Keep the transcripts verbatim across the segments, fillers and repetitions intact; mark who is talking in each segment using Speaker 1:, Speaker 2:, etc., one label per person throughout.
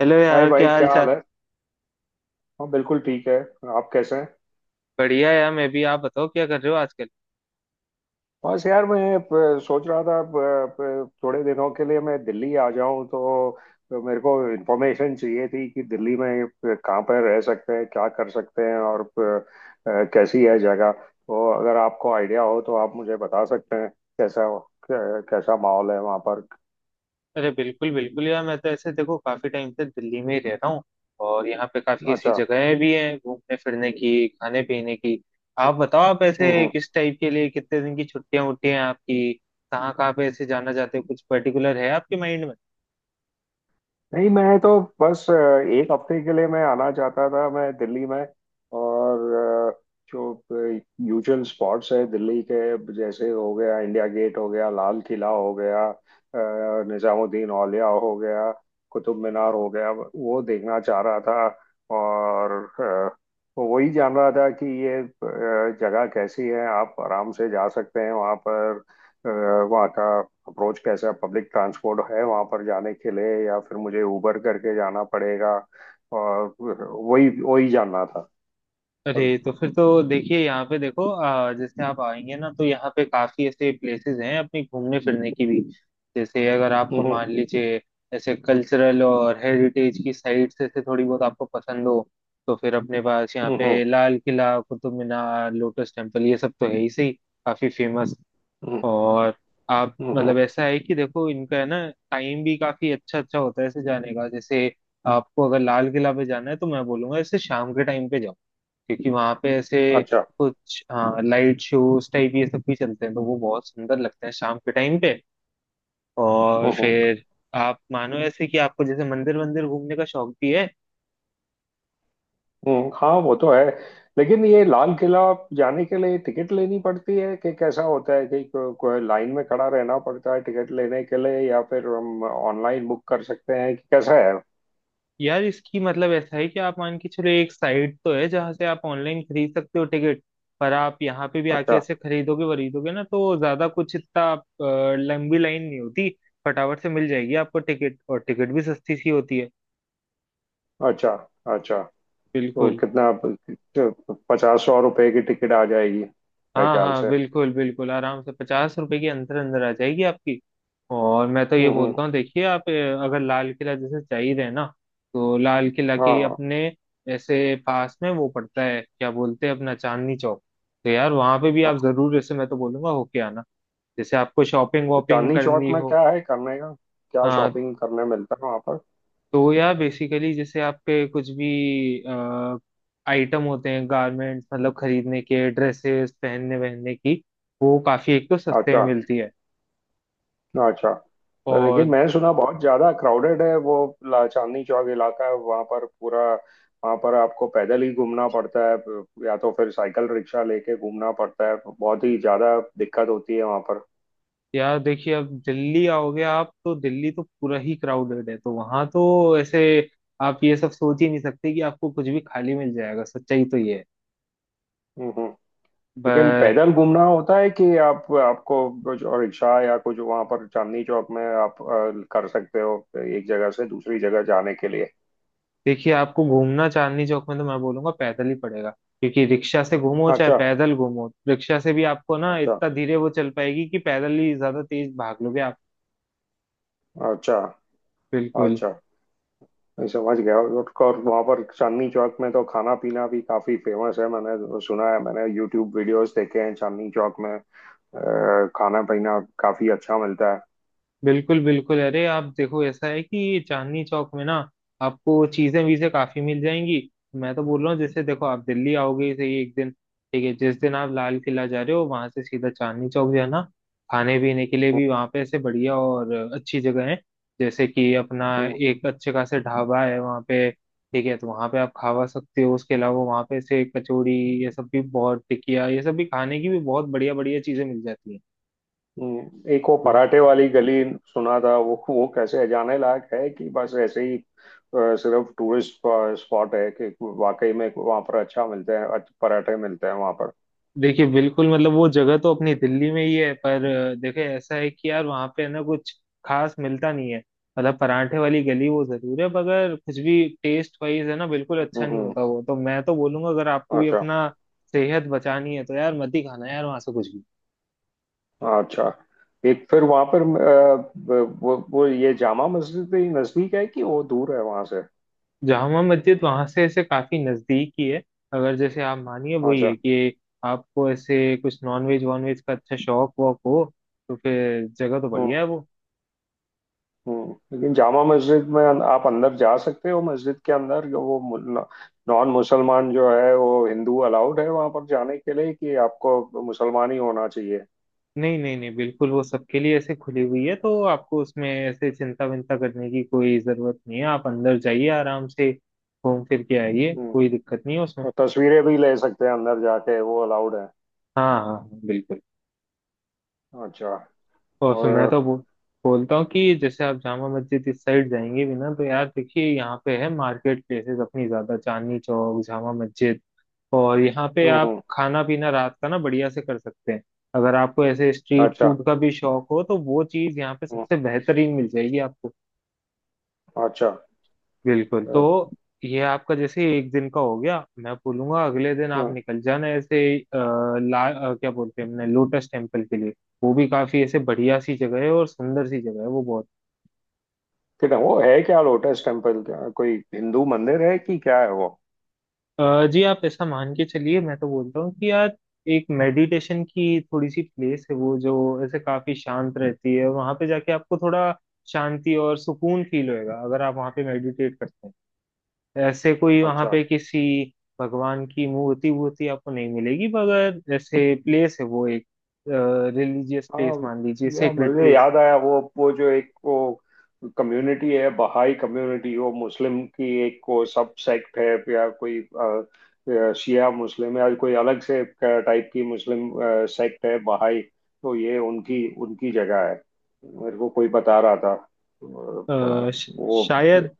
Speaker 1: Hello
Speaker 2: hi
Speaker 1: यार,
Speaker 2: भाई,
Speaker 1: क्या हाल
Speaker 2: क्या
Speaker 1: चाल।
Speaker 2: हाल है। हाँ, बिल्कुल ठीक है। आप कैसे हैं?
Speaker 1: बढ़िया यार, मैं भी। आप बताओ, क्या कर रहे हो आजकल।
Speaker 2: बस यार मैं प- सोच रहा था, प- प- थोड़े दिनों के लिए मैं दिल्ली आ जाऊं तो तो मेरे को इन्फॉर्मेशन चाहिए थी कि दिल्ली में प- कहाँ पर रह सकते हैं, क्या कर सकते हैं और प- अ, कैसी है जगह। तो अगर आपको आइडिया हो तो आप मुझे बता सकते हैं। कैसा, कै- कैसा माहौल है वहाँ पर?
Speaker 1: अरे बिल्कुल बिल्कुल यार, मैं तो ऐसे देखो काफी टाइम से दिल्ली में ही रह रहा हूँ। और यहाँ पे काफी ऐसी
Speaker 2: अच्छा।
Speaker 1: जगहें भी हैं घूमने फिरने की, खाने पीने की। आप बताओ, आप
Speaker 2: हम्म,
Speaker 1: ऐसे
Speaker 2: हम्म।
Speaker 1: किस टाइप के लिए, कितने दिन की छुट्टियां उट्टियां हैं आपकी। कहाँ कहाँ पे ऐसे जाना चाहते हो, कुछ पर्टिकुलर है आपके माइंड में।
Speaker 2: नहीं, मैं तो बस अ, एक हफ्ते के लिए मैं आना चाहता था मैं दिल्ली में। और अ, जो यूजुअल स्पॉट्स है दिल्ली के, जैसे हो गया इंडिया गेट, हो गया लाल किला, हो गया अ, निजामुद्दीन औलिया हो गया, कुतुब मीनार हो गया, वो देखना चाह रहा था। और अ, वही जान रहा था कि ये अ, जगह कैसी है, आप आराम से जा सकते हैं वहाँ पर। अ, वहाँ का अप्रोच कैसा है, पब्लिक ट्रांसपोर्ट है वहां पर जाने के लिए या फिर मुझे उबर करके जाना पड़ेगा? और वही वही जानना था।
Speaker 1: अरे
Speaker 2: और
Speaker 1: तो फिर तो देखिए, यहाँ पे देखो आ, जैसे आप आएंगे ना तो यहाँ पे काफी ऐसे प्लेसेस हैं अपनी घूमने फिरने की भी। जैसे अगर आपको
Speaker 2: हम्म
Speaker 1: मान लीजिए ऐसे कल्चरल और हेरिटेज की साइट्स ऐसे थोड़ी बहुत आपको पसंद हो, तो फिर अपने पास यहाँ
Speaker 2: हम्म,
Speaker 1: पे
Speaker 2: हम्म।
Speaker 1: लाल किला, कुतुब मीनार, लोटस टेम्पल, ये सब तो है ही सही। काफी फेमस। और आप,
Speaker 2: हम्म, हम्म,
Speaker 1: मतलब ऐसा है कि देखो इनका है ना, टाइम भी काफी अच्छा अच्छा होता है ऐसे जाने का। जैसे आपको अगर लाल किला पे जाना है तो मैं बोलूंगा ऐसे शाम के टाइम पे जाओ, क्योंकि वहां पे ऐसे
Speaker 2: अच्छा।
Speaker 1: कुछ, हाँ, लाइट शोज टाइप ये सब भी चलते हैं, तो वो बहुत सुंदर लगते हैं शाम के टाइम पे। और
Speaker 2: हम्म, हम्म,
Speaker 1: फिर आप मानो ऐसे कि आपको जैसे मंदिर वंदिर घूमने का शौक भी है।
Speaker 2: हम्म। हाँ, वो तो है। लेकिन ये लाल किला जाने के लिए टिकट लेनी पड़ती है कि कैसा होता है? कि को, कोई लाइन में खड़ा रहना पड़ता है टिकट लेने के लिए या फिर हम ऑनलाइन बुक कर सकते हैं, कि कैसा है?
Speaker 1: यार इसकी मतलब ऐसा है कि आप मान के चलो, एक साइट तो है जहाँ से आप ऑनलाइन खरीद सकते हो टिकट। पर आप यहाँ पे भी आके
Speaker 2: अच्छा।
Speaker 1: ऐसे खरीदोगे वरीदोगे ना, तो ज्यादा कुछ इतना आप, अ, लंबी लाइन नहीं होती। फटाफट से मिल जाएगी आपको टिकट, और टिकट भी सस्ती सी होती है।
Speaker 2: अच्छा। अच्छा। तो
Speaker 1: बिल्कुल।
Speaker 2: कितना, पचास सौ रुपए की टिकट आ जाएगी मेरे
Speaker 1: हाँ
Speaker 2: ख्याल
Speaker 1: हाँ,
Speaker 2: से?
Speaker 1: बिल्कुल बिल्कुल आराम से पचास रुपए के अंदर अंदर आ जाएगी आपकी। और मैं तो ये
Speaker 2: हम्म, हम्म।
Speaker 1: बोलता हूँ देखिए आप, अ, अगर लाल किला जैसे चाहिए रहे ना, तो लाल किला
Speaker 2: हाँ,
Speaker 1: के
Speaker 2: हाँ,
Speaker 1: अपने ऐसे पास में वो पड़ता है, क्या बोलते हैं, अपना चांदनी चौक। तो यार वहां पे भी आप जरूर, जैसे मैं तो बोलूंगा, होके आना। जैसे आपको शॉपिंग
Speaker 2: हाँ।
Speaker 1: वॉपिंग
Speaker 2: चांदनी चौक
Speaker 1: करनी
Speaker 2: में
Speaker 1: हो।
Speaker 2: क्या है करने का? क्या
Speaker 1: हाँ।
Speaker 2: शॉपिंग करने मिलता है वहां पर?
Speaker 1: तो यार बेसिकली जैसे आपके कुछ भी आइटम होते हैं, गारमेंट्स, मतलब खरीदने के, ड्रेसेस पहनने वहनने की, वो काफी एक तो सस्ते में
Speaker 2: अच्छा।
Speaker 1: मिलती है।
Speaker 2: अच्छा। लेकिन
Speaker 1: और
Speaker 2: मैं सुना बहुत ज्यादा क्राउडेड है वो, ला- चांदनी चौक इलाका है वहां पर पूरा। वहां पर आपको पैदल ही घूमना पड़ता है या तो फिर साइकिल रिक्शा लेके घूमना पड़ता है, बहुत ही ज्यादा दिक्कत होती है वहां पर।
Speaker 1: यार देखिए अब दिल्ली आओगे आप तो दिल्ली तो पूरा ही क्राउडेड है, तो वहां तो ऐसे आप ये सब सोच ही नहीं सकते कि आपको कुछ भी खाली मिल जाएगा, सच्चाई तो ये है।
Speaker 2: हम्म। लेकिन
Speaker 1: पर
Speaker 2: पैदल घूमना होता है कि आप आपको कुछ और रिक्शा या कुछ वहां पर चांदनी चौक में आप अ, कर सकते हो एक जगह से दूसरी जगह जाने के लिए?
Speaker 1: देखिए आपको घूमना चांदनी चौक में तो मैं बोलूंगा पैदल ही पड़ेगा, क्योंकि रिक्शा से घूमो चाहे
Speaker 2: अच्छा।
Speaker 1: पैदल घूमो, रिक्शा से भी आपको ना
Speaker 2: अच्छा।
Speaker 1: इतना धीरे वो चल पाएगी कि पैदल ही ज्यादा तेज भाग लोगे आप।
Speaker 2: अच्छा।
Speaker 1: बिल्कुल।
Speaker 2: अच्छा। मैं समझ गया। और और वहाँ पर चांदनी चौक में तो खाना पीना भी काफी फेमस है, मैंने सुना है। मैंने यूट्यूब वीडियोस देखे हैं चांदनी चौक में, अ, खाना पीना काफी अच्छा मिलता है।
Speaker 1: बिल्कुल बिल्कुल अरे, आप देखो ऐसा है कि चांदनी चौक में ना आपको चीजें वीजें काफी मिल जाएंगी। मैं तो बोल रहा हूँ जैसे देखो आप दिल्ली आओगे ही सही, एक दिन ठीक है, जिस दिन आप लाल किला जा रहे हो वहां से सीधा चांदनी चौक जाना। खाने पीने के लिए
Speaker 2: हम्म,
Speaker 1: भी वहां पे ऐसे बढ़िया और अच्छी जगह है। जैसे कि अपना
Speaker 2: हम्म।
Speaker 1: एक अच्छे खासे ढाबा है वहां पे, ठीक है, तो वहां पे आप खावा सकते हो। उसके अलावा वहां पे ऐसे कचौड़ी ये सब भी, बहुत टिकिया ये सब भी, खाने की भी बहुत बढ़िया बढ़िया चीजें मिल जाती हैं।
Speaker 2: हम्म, एक वो
Speaker 1: तो
Speaker 2: पराठे वाली गली सुना था। वो वो कैसे जाने लायक है कि बस ऐसे ही अ, सिर्फ टूरिस्ट स्पॉट है, कि वाकई में वहां पर अच्छा मिलते हैं, अच्छे पराठे मिलते हैं वहां पर?
Speaker 1: देखिए बिल्कुल, मतलब वो जगह तो अपनी दिल्ली में ही है, पर अ, देखे ऐसा है कि यार वहाँ पे है ना कुछ खास मिलता नहीं है। मतलब परांठे वाली गली वो जरूर है, मगर कुछ भी टेस्ट वाइज है ना बिल्कुल अच्छा नहीं
Speaker 2: हम्म।
Speaker 1: होता। वो तो मैं तो बोलूंगा, अगर आपको भी
Speaker 2: अच्छा।
Speaker 1: अपना सेहत बचानी है तो यार मत ही खाना यार वहाँ से कुछ भी।
Speaker 2: अच्छा। एक फिर वहां पर अ, वो वो ये जामा मस्जिद भी नजदीक है कि वो दूर है वहां से?
Speaker 1: जामा मस्जिद वहाँ से ऐसे काफी नजदीक ही है। अगर जैसे आप मानिए, वही है
Speaker 2: अच्छा।
Speaker 1: कि आपको ऐसे कुछ नॉन वेज वॉन वेज का अच्छा शौक वॉक हो, तो फिर जगह तो बढ़िया
Speaker 2: हम्म।
Speaker 1: है वो।
Speaker 2: हम्म, लेकिन जामा मस्जिद में अन- आप अंदर जा सकते हो? मस्जिद के अंदर जो वो मु- नॉन मुसलमान जो है, वो हिंदू अलाउड है वहां पर जाने के लिए कि आपको मुसलमान ही होना चाहिए?
Speaker 1: नहीं नहीं नहीं बिल्कुल वो सबके लिए ऐसे खुली हुई है, तो आपको उसमें ऐसे चिंता विंता करने की कोई जरूरत नहीं है। आप अंदर जाइए, आराम से घूम फिर के आइए,
Speaker 2: हम्म।
Speaker 1: कोई दिक्कत नहीं है उसमें।
Speaker 2: और तस्वीरें भी ले सकते हैं अंदर जाके, वो अलाउड है?
Speaker 1: हाँ हाँ हाँ, बिल्कुल।
Speaker 2: अच्छा।
Speaker 1: और फिर मैं तो
Speaker 2: और
Speaker 1: बो, बोलता हूँ कि जैसे आप जामा मस्जिद इस साइड जाएंगे भी ना, तो यार देखिए यहाँ पे है मार्केट प्लेसेस अपनी ज्यादा, चांदनी चौक, जामा मस्जिद। और यहाँ पे
Speaker 2: हम्म,
Speaker 1: आप
Speaker 2: हम्म।
Speaker 1: खाना पीना रात का ना बढ़िया से कर सकते हैं। अगर आपको ऐसे स्ट्रीट
Speaker 2: अच्छा।
Speaker 1: फूड का भी शौक हो तो वो चीज़ यहाँ पे
Speaker 2: हम्म,
Speaker 1: सबसे बेहतरीन मिल जाएगी आपको।
Speaker 2: अच्छा।
Speaker 1: बिल्कुल।
Speaker 2: अ,
Speaker 1: तो ये आपका जैसे एक दिन का हो गया। मैं बोलूंगा अगले दिन आप
Speaker 2: हम्म,
Speaker 1: निकल जाना ऐसे अ, ला अ, क्या बोलते हैं हमने, लोटस टेम्पल के लिए। वो भी काफी ऐसे बढ़िया सी जगह है और सुंदर सी जगह है वो बहुत।
Speaker 2: कितना वो है क्या लोटस टेम्पल? क्या कोई हिंदू मंदिर है कि क्या है वो?
Speaker 1: अ, जी आप ऐसा मान के चलिए, मैं तो बोलता हूँ कि यार एक मेडिटेशन की थोड़ी सी प्लेस है वो, जो ऐसे काफी शांत रहती है। वहां पे जाके आपको थोड़ा शांति और सुकून फील होएगा, अगर आप वहां पे मेडिटेट करते हैं। ऐसे कोई वहां
Speaker 2: अच्छा।
Speaker 1: पे किसी भगवान की मूर्ति वूर्ति आपको नहीं मिलेगी, मगर जैसे प्लेस है वो एक रिलीजियस प्लेस
Speaker 2: हाँ,
Speaker 1: मान लीजिए,
Speaker 2: या
Speaker 1: सेक्रेट
Speaker 2: मुझे
Speaker 1: प्लेस।
Speaker 2: याद आया, वो वो जो एक वो कम्युनिटी है, बहाई कम्युनिटी, वो मुस्लिम की एक को सब सेक्ट है, या कोई अ, अ, शिया मुस्लिम है या कोई अलग से टाइप की मुस्लिम सेक्ट है बहाई? तो ये उनकी उनकी जगह है? मेरे को कोई बता रहा था अ, वो।
Speaker 1: शायद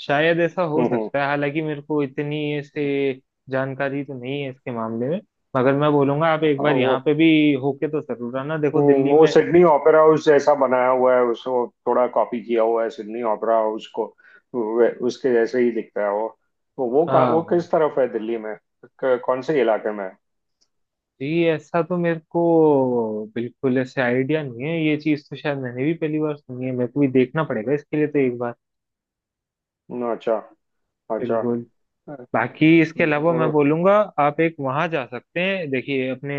Speaker 1: शायद ऐसा हो
Speaker 2: हम्म, हम्म।
Speaker 1: सकता है, हालांकि मेरे को इतनी ऐसे जानकारी तो नहीं है इसके मामले में। मगर मैं बोलूंगा आप एक
Speaker 2: हाँ,
Speaker 1: बार
Speaker 2: वो
Speaker 1: यहाँ पे भी होके तो जरूर आना, देखो
Speaker 2: हम्म,
Speaker 1: दिल्ली
Speaker 2: वो
Speaker 1: में।
Speaker 2: सिडनी ओपेरा हाउस जैसा बनाया हुआ है, उसको थोड़ा कॉपी किया हुआ है सिडनी ओपेरा हाउस को, वे- उसके जैसे ही दिखता है वो। तो वो का, वो
Speaker 1: हाँ
Speaker 2: किस तरफ है दिल्ली में? क- कौन से इलाके में है?
Speaker 1: जी, ऐसा तो मेरे को बिल्कुल ऐसे आइडिया नहीं है, ये चीज तो शायद मैंने भी पहली बार सुनी है, मेरे को भी देखना पड़ेगा इसके लिए तो एक बार।
Speaker 2: हम्म, अच्छा। अच्छा।
Speaker 1: बिल्कुल। बाकी इसके अलावा मैं
Speaker 2: वो-
Speaker 1: बोलूंगा आप एक वहां जा सकते हैं। देखिए अपने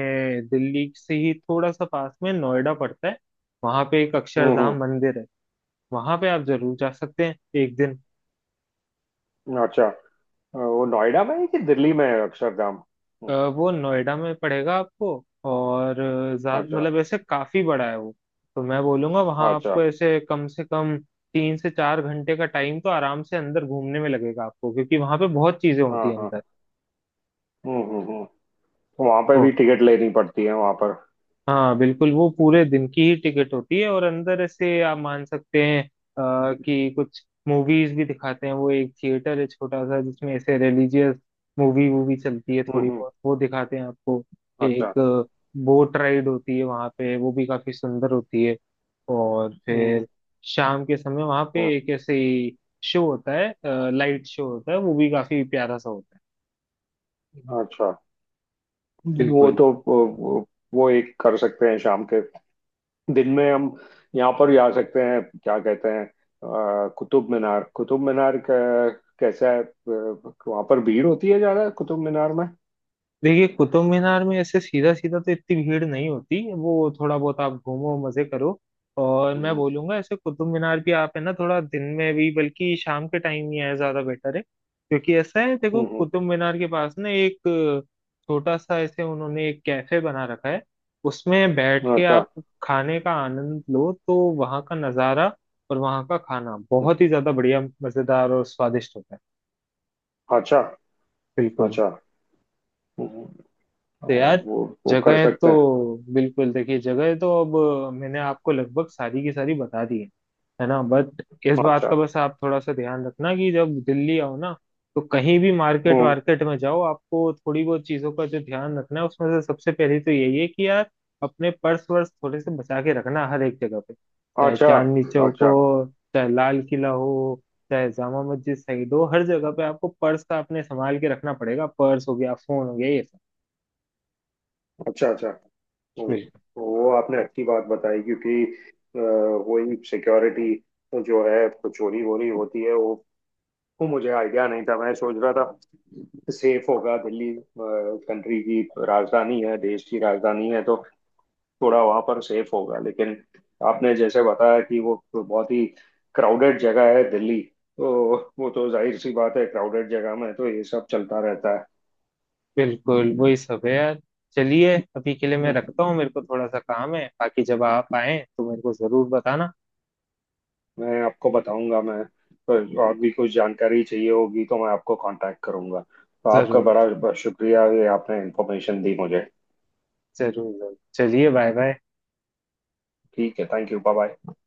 Speaker 1: दिल्ली से ही थोड़ा सा पास में नोएडा पड़ता है, वहां पे एक
Speaker 2: हम्म,
Speaker 1: अक्षरधाम मंदिर है, वहां पे आप जरूर जा सकते हैं एक दिन।
Speaker 2: हम्म, अच्छा। वो नोएडा में है कि दिल्ली में है अक्षरधाम?
Speaker 1: अ,
Speaker 2: हम्म,
Speaker 1: वो नोएडा में पड़ेगा आपको। और अ, ज्यादा
Speaker 2: अच्छा।
Speaker 1: मतलब ऐसे काफी बड़ा है वो, तो मैं बोलूंगा वहां
Speaker 2: अच्छा।
Speaker 1: आपको ऐसे कम से कम तीन से चार घंटे का टाइम तो आराम से अंदर घूमने में लगेगा आपको, क्योंकि वहां पे बहुत चीजें होती
Speaker 2: हाँ,
Speaker 1: है
Speaker 2: हाँ।
Speaker 1: अंदर।
Speaker 2: हम्म, हम्म, हम्म। तो वहाँ पे भी टिकट लेनी पड़ती है वहाँ पर?
Speaker 1: हाँ बिल्कुल, वो पूरे दिन की ही टिकट होती है। और अंदर ऐसे आप मान सकते हैं आ, कि कुछ मूवीज भी दिखाते हैं, वो एक थिएटर है छोटा सा जिसमें ऐसे रिलीजियस मूवी वूवी चलती है,
Speaker 2: हम्म,
Speaker 1: थोड़ी
Speaker 2: हम्म।
Speaker 1: बहुत वो दिखाते हैं आपको।
Speaker 2: अच्छा।
Speaker 1: एक बोट राइड होती है वहाँ पे, वो भी काफी सुंदर होती है। और
Speaker 2: हम्म,
Speaker 1: फिर शाम के समय वहाँ पे
Speaker 2: हम्म,
Speaker 1: एक ऐसे शो होता है, लाइट शो होता है, वो भी काफी प्यारा सा होता है।
Speaker 2: अच्छा। वो
Speaker 1: बिल्कुल।
Speaker 2: तो वो, वो एक कर सकते हैं शाम के, दिन में हम यहाँ पर भी आ सकते हैं क्या कहते हैं अ, कुतुब मीनार? कुतुब मीनार क- कैसा है, अ, वहाँ पर भीड़ होती है ज्यादा कुतुब मीनार में?
Speaker 1: देखिए कुतुब मीनार में ऐसे सीधा सीधा तो इतनी भीड़ नहीं होती, वो थोड़ा बहुत आप घूमो मजे करो। और मैं
Speaker 2: हम्म,
Speaker 1: बोलूंगा ऐसे कुतुब मीनार भी आप है ना थोड़ा दिन में भी, बल्कि शाम के टाइम ही है ज्यादा बेटर है, क्योंकि ऐसा है देखो
Speaker 2: हम्म, हम्म।
Speaker 1: कुतुब मीनार के पास ना एक छोटा सा ऐसे उन्होंने एक कैफे बना रखा है। उसमें बैठ के
Speaker 2: अच्छा।
Speaker 1: आप खाने का आनंद लो, तो वहाँ का नज़ारा और वहाँ का खाना बहुत ही ज्यादा बढ़िया, मजेदार और स्वादिष्ट होता है।
Speaker 2: अच्छा।
Speaker 1: बिल्कुल।
Speaker 2: अच्छा। हम्म, अ,
Speaker 1: तो यार
Speaker 2: वो वो कर
Speaker 1: जगह
Speaker 2: सकते हैं।
Speaker 1: तो, बिल्कुल देखिए जगह तो अब मैंने आपको लगभग सारी की सारी बता दी है है ना। बट इस बात
Speaker 2: अच्छा।
Speaker 1: का बस आप थोड़ा सा ध्यान रखना कि जब दिल्ली आओ ना, तो कहीं भी मार्केट
Speaker 2: हम्म।
Speaker 1: वार्केट में जाओ, आपको थोड़ी बहुत चीजों का जो ध्यान रखना है उसमें से सबसे पहले तो यही है कि यार अपने पर्स वर्स थोड़े से बचा के रखना हर एक जगह पे। चाहे
Speaker 2: अच्छा।
Speaker 1: चांदनी चौक
Speaker 2: अच्छा।
Speaker 1: हो, चाहे लाल किला हो, चाहे जामा मस्जिद साइड हो, हर जगह पे आपको पर्स का अपने संभाल के रखना पड़ेगा। पर्स हो गया, फोन हो गया, ये
Speaker 2: अच्छा। अच्छा। हम्म,
Speaker 1: सब।
Speaker 2: वो आपने अच्छी बात बताई, क्योंकि अ, वही सिक्योरिटी जो है, तो चोरी वोरी होती है वो। वो मुझे आइडिया नहीं था, मैं सोच रहा था सेफ होगा दिल्ली, कंट्री की राजधानी है, देश की राजधानी है, तो थोड़ा वहां पर सेफ होगा। लेकिन आपने जैसे बताया कि वो तो बहुत ही क्राउडेड जगह है दिल्ली, तो वो तो जाहिर सी बात है, क्राउडेड जगह में तो ये सब चलता रहता
Speaker 1: बिल्कुल वही सब है यार। चलिए अभी के लिए मैं
Speaker 2: है।
Speaker 1: रखता हूँ, मेरे को थोड़ा सा काम है, बाकी जब आप आए तो मेरे को जरूर बताना।
Speaker 2: मैं आपको बताऊंगा। मैं पर और भी कुछ जानकारी चाहिए होगी तो मैं आपको कांटेक्ट करूंगा। तो आपका
Speaker 1: जरूर
Speaker 2: बड़ा बड़ा शुक्रिया, ये आपने इंफॉर्मेशन दी मुझे।
Speaker 1: जरूर जरूर चलिए, बाय बाय।
Speaker 2: ठीक है। Thank you. Bye bye.